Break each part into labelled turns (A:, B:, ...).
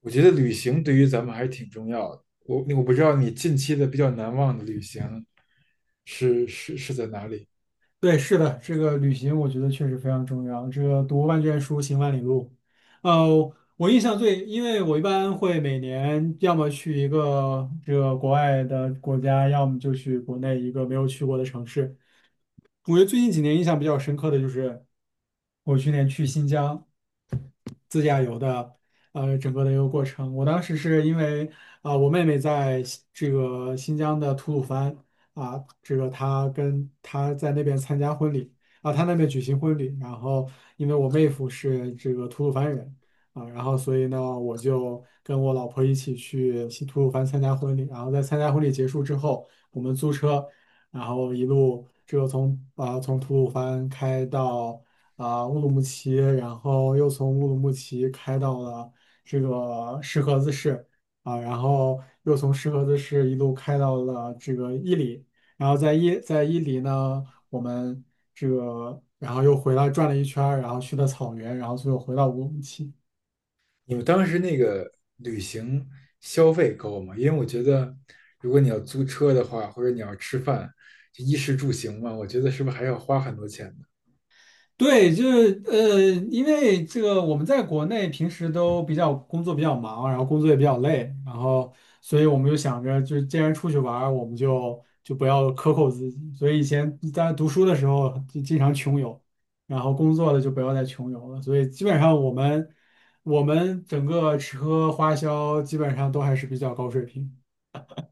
A: 我觉得旅行对于咱们还是挺重要的。我不知道你近期的比较难忘的旅行是在哪里？
B: 对，是的，这个旅行我觉得确实非常重要。这个读万卷书，行万里路。呃，我印象最，因为我一般会每年要么去一个这个国外的国家，要么就去国内一个没有去过的城市。我觉得最近几年印象比较深刻的就是我去年去新疆自驾游的，整个的一个过程。我当时是因为我妹妹在新这个新疆的吐鲁番，这个她在那边参加婚礼，她那边举行婚礼，然后因为我妹夫是这个吐鲁番人，然后所以呢，我就跟我老婆一起去新吐鲁番参加婚礼，然后在参加婚礼结束之后，我们租车。然后一路这个从从吐鲁番开到乌鲁木齐，然后又从乌鲁木齐开到了这个石河子市，然后又从石河子市一路开到了这个伊犁，然后在伊犁呢，我们这个然后又回来转了一圈儿，然后去的草原，然后最后回到乌鲁木齐。
A: 你们当时那个旅行消费高吗？因为我觉得，如果你要租车的话，或者你要吃饭，就衣食住行嘛，我觉得是不是还要花很多钱呢？
B: 对，就是因为这个我们在国内平时都比较工作比较忙，然后工作也比较累，然后所以我们就想着，就是既然出去玩儿，我们就不要克扣自己。所以以前在读书的时候就经常穷游，然后工作了就不要再穷游了。所以基本上我们整个吃喝花销基本上都还是比较高水平。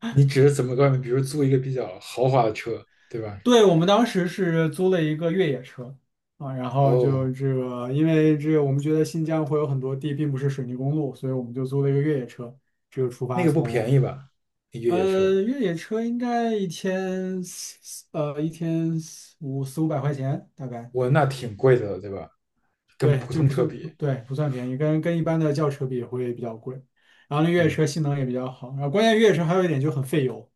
A: 你指的怎么个？比如租一个比较豪华的车，对吧？
B: 对，我们当时是租了一个越野车，然后就
A: 哦，
B: 这个，因为这个我们觉得新疆会有很多地并不是水泥公路，所以我们就租了一个越野车，这个出
A: 那
B: 发
A: 个不便
B: 从
A: 宜吧？那越野车，
B: 越野车应该一天四五百块钱大概，
A: 我那挺贵的了，对吧？跟
B: 对，
A: 普
B: 就
A: 通
B: 不
A: 车
B: 算
A: 比，
B: 对不算便宜，跟一般的轿车比会比较贵，然后那越野
A: 嗯。
B: 车性能也比较好，然后关键越野车还有一点就很费油，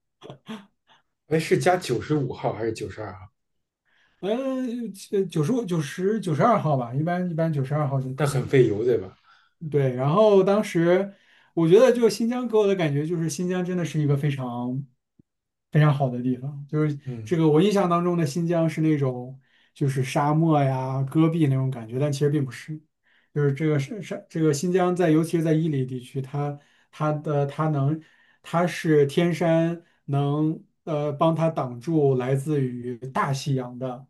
A: 哎，是加95号还是92号？
B: 呃呃九十五九十九十二号吧，一般九十二号就
A: 但
B: 可
A: 很
B: 以。
A: 费油，对吧？
B: 对，然后当时我觉得就新疆给我的感觉就是新疆真的是一个非常非常好的地方，就是
A: 嗯，
B: 这个我印象当中的新疆是那种就是沙漠呀、戈壁那种感觉，但其实并不是，就是这个这个新疆尤其是在伊犁地区，它它的它能它是天山帮它挡住来自于大西洋的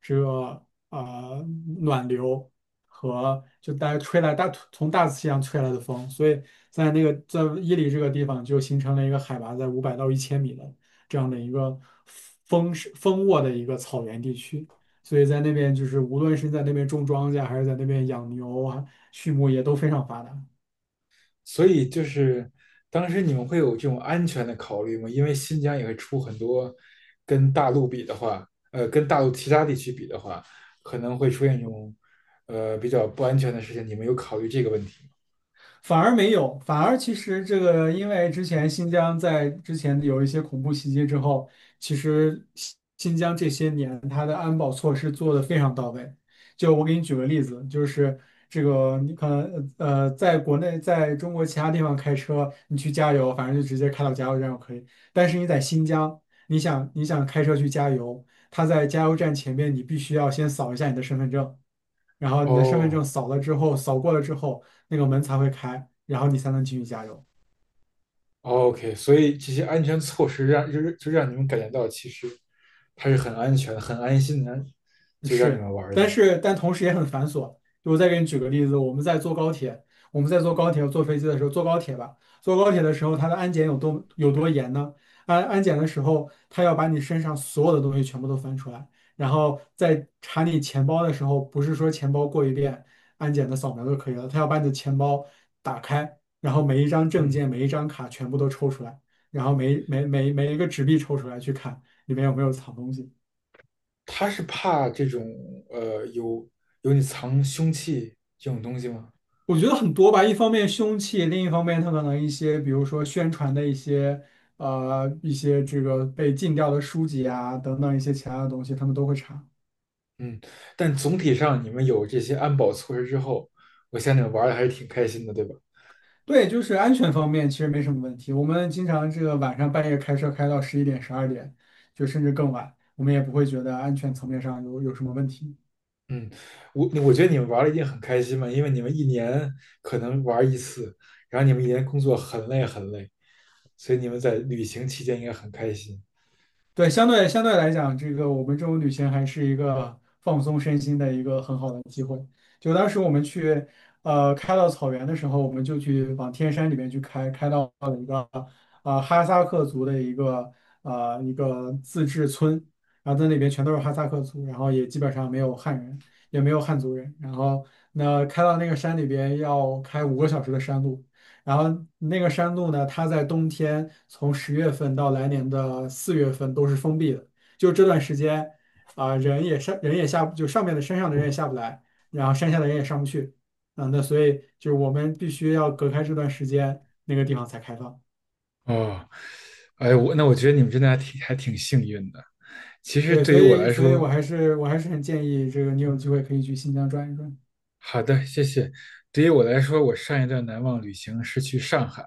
B: 这个呃暖流和就大家吹来从大西洋吹来的风，所以在在伊犁这个地方就形成了一个海拔在500到1000米的，这样的一个丰沃的一个草原地区。所以在那边就是无论是在那边种庄稼，还是在那边养牛啊、畜牧业都非常发达。
A: 所以就是当时你们会有这种安全的考虑吗？因为新疆也会出很多跟大陆比的话，跟大陆其他地区比的话，可能会出现这种比较不安全的事情。你们有考虑这个问题吗？
B: 反而没有，反而其实这个，因为之前新疆在之前有一些恐怖袭击之后，其实新疆这些年它的安保措施做得非常到位。就我给你举个例子，就是这个你可能在国内，在中国其他地方开车，你去加油，反正就直接开到加油站就可以。但是你在新疆，你想开车去加油，他在加油站前面，你必须要先扫一下你的身份证。然后你
A: 哦，
B: 的身份证扫了之后，扫过了之后，那个门才会开，然后你才能继续加油。
A: 哦，OK，所以这些安全措施让就是就让你们感觉到其实它是很安全、很安心的，就让你
B: 是，
A: 们玩儿的。
B: 但同时也很繁琐。就我再给你举个例子，我们在坐高铁坐飞机的时候，坐高铁的时候，它的安检有多严呢？安检的时候，他要把你身上所有的东西全部都翻出来，然后在查你钱包的时候，不是说钱包过一遍安检的扫描就可以了，他要把你的钱包打开，然后每一张证
A: 嗯。
B: 件、每一张卡全部都抽出来，然后每一个纸币抽出来去看里面有没有藏东西。
A: 他是怕这种呃有有你藏凶器这种东西吗？
B: 我觉得很多吧，一方面凶器，另一方面他可能一些，比如说宣传的一些，一些这个被禁掉的书籍啊，等等一些其他的东西，他们都会查。
A: 嗯，但总体上你们有这些安保措施之后，我想你们玩的还是挺开心的，对吧？
B: 对，就是安全方面其实没什么问题。我们经常这个晚上半夜开车开到11点、12点，就甚至更晚，我们也不会觉得安全层面上有什么问题。
A: 嗯，我觉得你们玩的一定很开心嘛，因为你们一年可能玩一次，然后你们一年工作很累很累，所以你们在旅行期间应该很开心。
B: 对，相对来讲，这个我们这种旅行还是一个放松身心的一个很好的机会。就当时我们去，开到草原的时候，我们就去往天山里面去开，开到了一个哈萨克族的一个自治村，然后在那边全都是哈萨克族，然后也基本上没有汉人，也没有汉族人。然后那开到那个山里边要开5个小时的山路，然后那个山路呢，它在冬天从10月份到来年的4月份都是封闭的，就这段时间啊、人也上人也下不就上面的山上的人也下不来，然后山下的人也上不去。那所以就是我们必须要隔开这段时间，那个地方才开放。
A: 哦，哎，我那我觉得你们真的还挺幸运的。其实
B: 对，
A: 对于我来
B: 所以我
A: 说，
B: 还是很建议这个你有机会可以去新疆转一转。
A: 好的，谢谢。对于我来说，我上一段难忘旅行是去上海，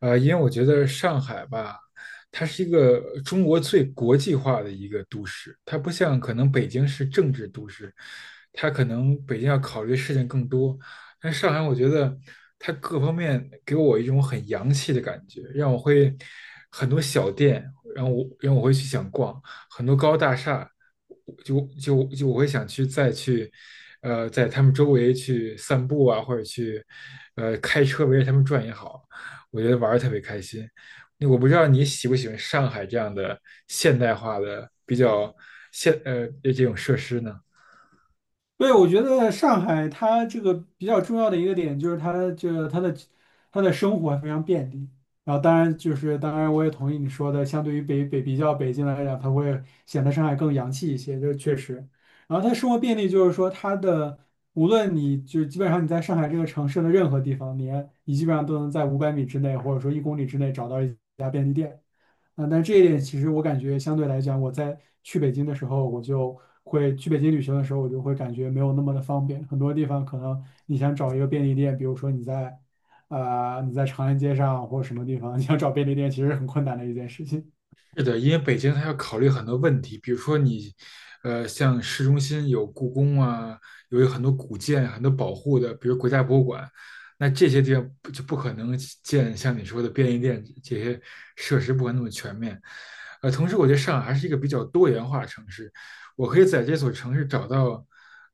A: 因为我觉得上海吧，它是一个中国最国际化的一个都市，它不像可能北京是政治都市，它可能北京要考虑的事情更多，但上海我觉得它各方面给我一种很洋气的感觉，让我会很多小店，然后让我会去想逛，很多高大厦，就我会想去再去，在他们周围去散步啊，或者去，开车围着他们转也好，我觉得玩的特别开心。那我不知道你喜不喜欢上海这样的现代化的比较这种设施呢？
B: 对，我觉得上海它这个比较重要的一个点就是它这个它的生活非常便利。然后当然我也同意你说的，相对于北北比较北京来讲，它会显得上海更洋气一些，这确实。然后它生活便利就是说它的无论你就基本上你在上海这个城市的任何地方，你基本上都能在500米之内或者说1公里之内找到一家便利店。但这一点其实我感觉相对来讲，我就会去北京旅行的时候，我就会感觉没有那么的方便。很多地方可能你想找一个便利店，比如说你在，你在长安街上或者什么地方，你想找便利店，其实很困难的一件事情。
A: 是的，因为北京它要考虑很多问题，比如说你，像市中心有故宫啊，有很多古建、很多保护的，比如国家博物馆，那这些地方不就不可能建像你说的便利店这些设施，不可能那么全面。呃，同时我觉得上海还是一个比较多元化的城市，我可以在这所城市找到，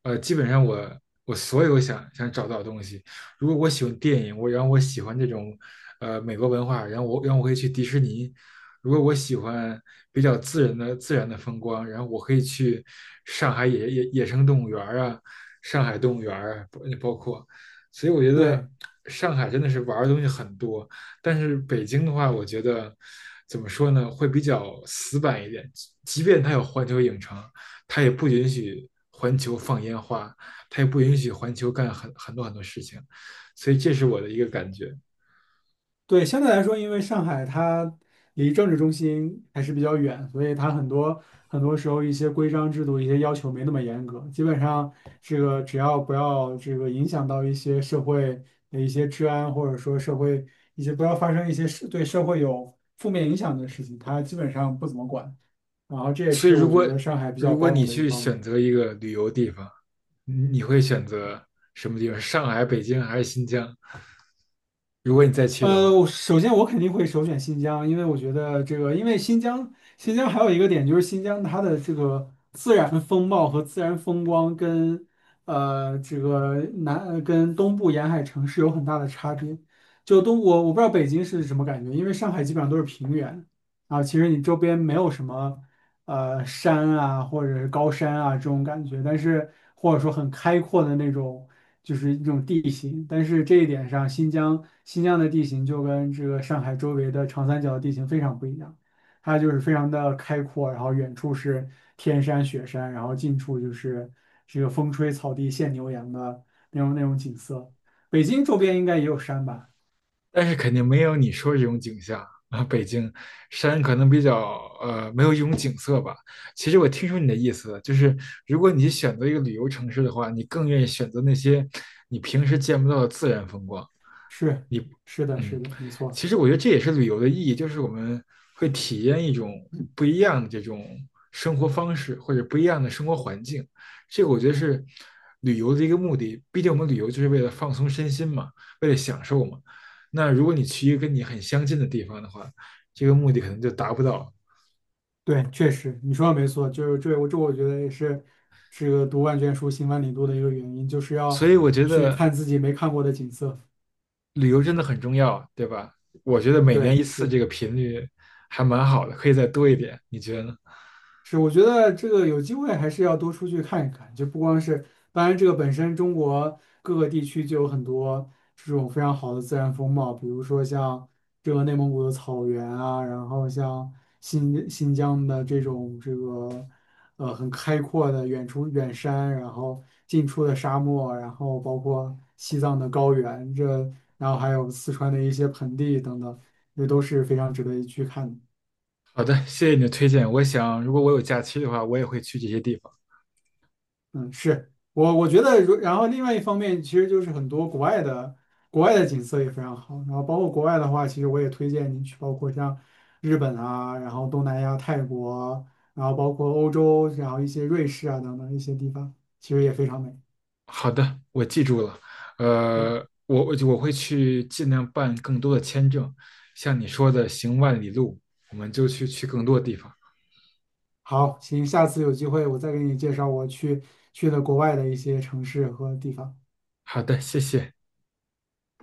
A: 基本上我所有想找到的东西。如果我喜欢电影，然后我喜欢这种，美国文化，然后我可以去迪士尼，如果我喜欢比较自然的风光，然后我可以去上海野生动物园啊，上海动物园啊，包括，所以我觉得
B: 对，
A: 上海真的是玩儿的东西很多，但是北京的话，我觉得怎么说呢，会比较死板一点，即便它有环球影城，它也不允许环球放烟花，它也不允许环球干很多很多事情，所以这是我的一个感觉。
B: 对，相对来说，因为上海它离政治中心还是比较远，所以它很多很多时候一些规章制度、一些要求没那么严格。基本上，这个只要不要这个影响到一些社会的一些治安，或者说社会一些不要发生一些是对社会有负面影响的事情，它基本上不怎么管。然后这也
A: 所以
B: 是
A: 如
B: 我觉
A: 果
B: 得上海比较
A: 如果
B: 包
A: 你
B: 容的一
A: 去
B: 方
A: 选
B: 面。
A: 择一个旅游地方，你会选择什么地方？上海、北京还是新疆？如果你再去的
B: 我
A: 话，
B: 首先肯定会首选新疆，因为我觉得这个，因为新疆，新疆还有一个点就是新疆它的这个自然风貌和自然风光跟呃这个南跟东部沿海城市有很大的差别。我不知道北京是什么感觉，因为上海基本上都是平原啊，其实你周边没有什么，山啊，或者是高山啊这种感觉，但是或者说很开阔的那种，就是一种地形。但是这一点上，新疆的地形就跟这个上海周围的长三角的地形非常不一样，它就是非常的开阔，然后远处是天山雪山，然后近处就是这个风吹草低见牛羊的那种景色。北京周边应该也有山吧？
A: 但是肯定没有你说这种景象啊。北京山可能比较没有一种景色吧。其实我听出你的意思了，就是如果你选择一个旅游城市的话，你更愿意选择那些你平时见不到的自然风光。
B: 是是的，是
A: 嗯，
B: 的，没错。
A: 其实我觉得这也是旅游的意义，就是我们会体验一种不一样的这种生活方式，或者不一样的生活环境。这个我觉得是旅游的一个目的。毕竟我们旅游就是为了放松身心嘛，为了享受嘛。那如果你去一个跟你很相近的地方的话，这个目的可能就达不到。
B: 对，确实你说的没错，就是这我觉得也是这个读万卷书行万里路的一个原因，就是要
A: 所以我觉
B: 去
A: 得
B: 看自己没看过的景色。
A: 旅游真的很重要，对吧？我觉得每年
B: 对，
A: 一次
B: 是。
A: 这个频率还蛮好的，可以再多一点。你觉得呢？
B: 是，我觉得这个有机会还是要多出去看一看，就不光是，当然这个本身中国各个地区就有很多这种非常好的自然风貌，比如说像这个内蒙古的草原啊，然后像新疆的这种这个很开阔的远处远山，然后近处的沙漠，然后包括西藏的高原，这然后还有四川的一些盆地等等，这都是非常值得一去看的。
A: 好的，谢谢你的推荐。我想，如果我有假期的话，我也会去这些地方。
B: 嗯，是我觉得如，然后另外一方面，其实就是很多国外的景色也非常好，然后包括国外的话，其实我也推荐你去，包括像日本啊，然后东南亚、泰国，然后包括欧洲，然后一些瑞士啊等等一些地方，其实也非常美。
A: 好的，我记住了。
B: 对，
A: 呃，我会去尽量办更多的签证，像你说的行万里路，我们就去更多的地方。
B: 好，行，下次有机会我再给你介绍去的国外的一些城市和地方。
A: 好的，谢谢。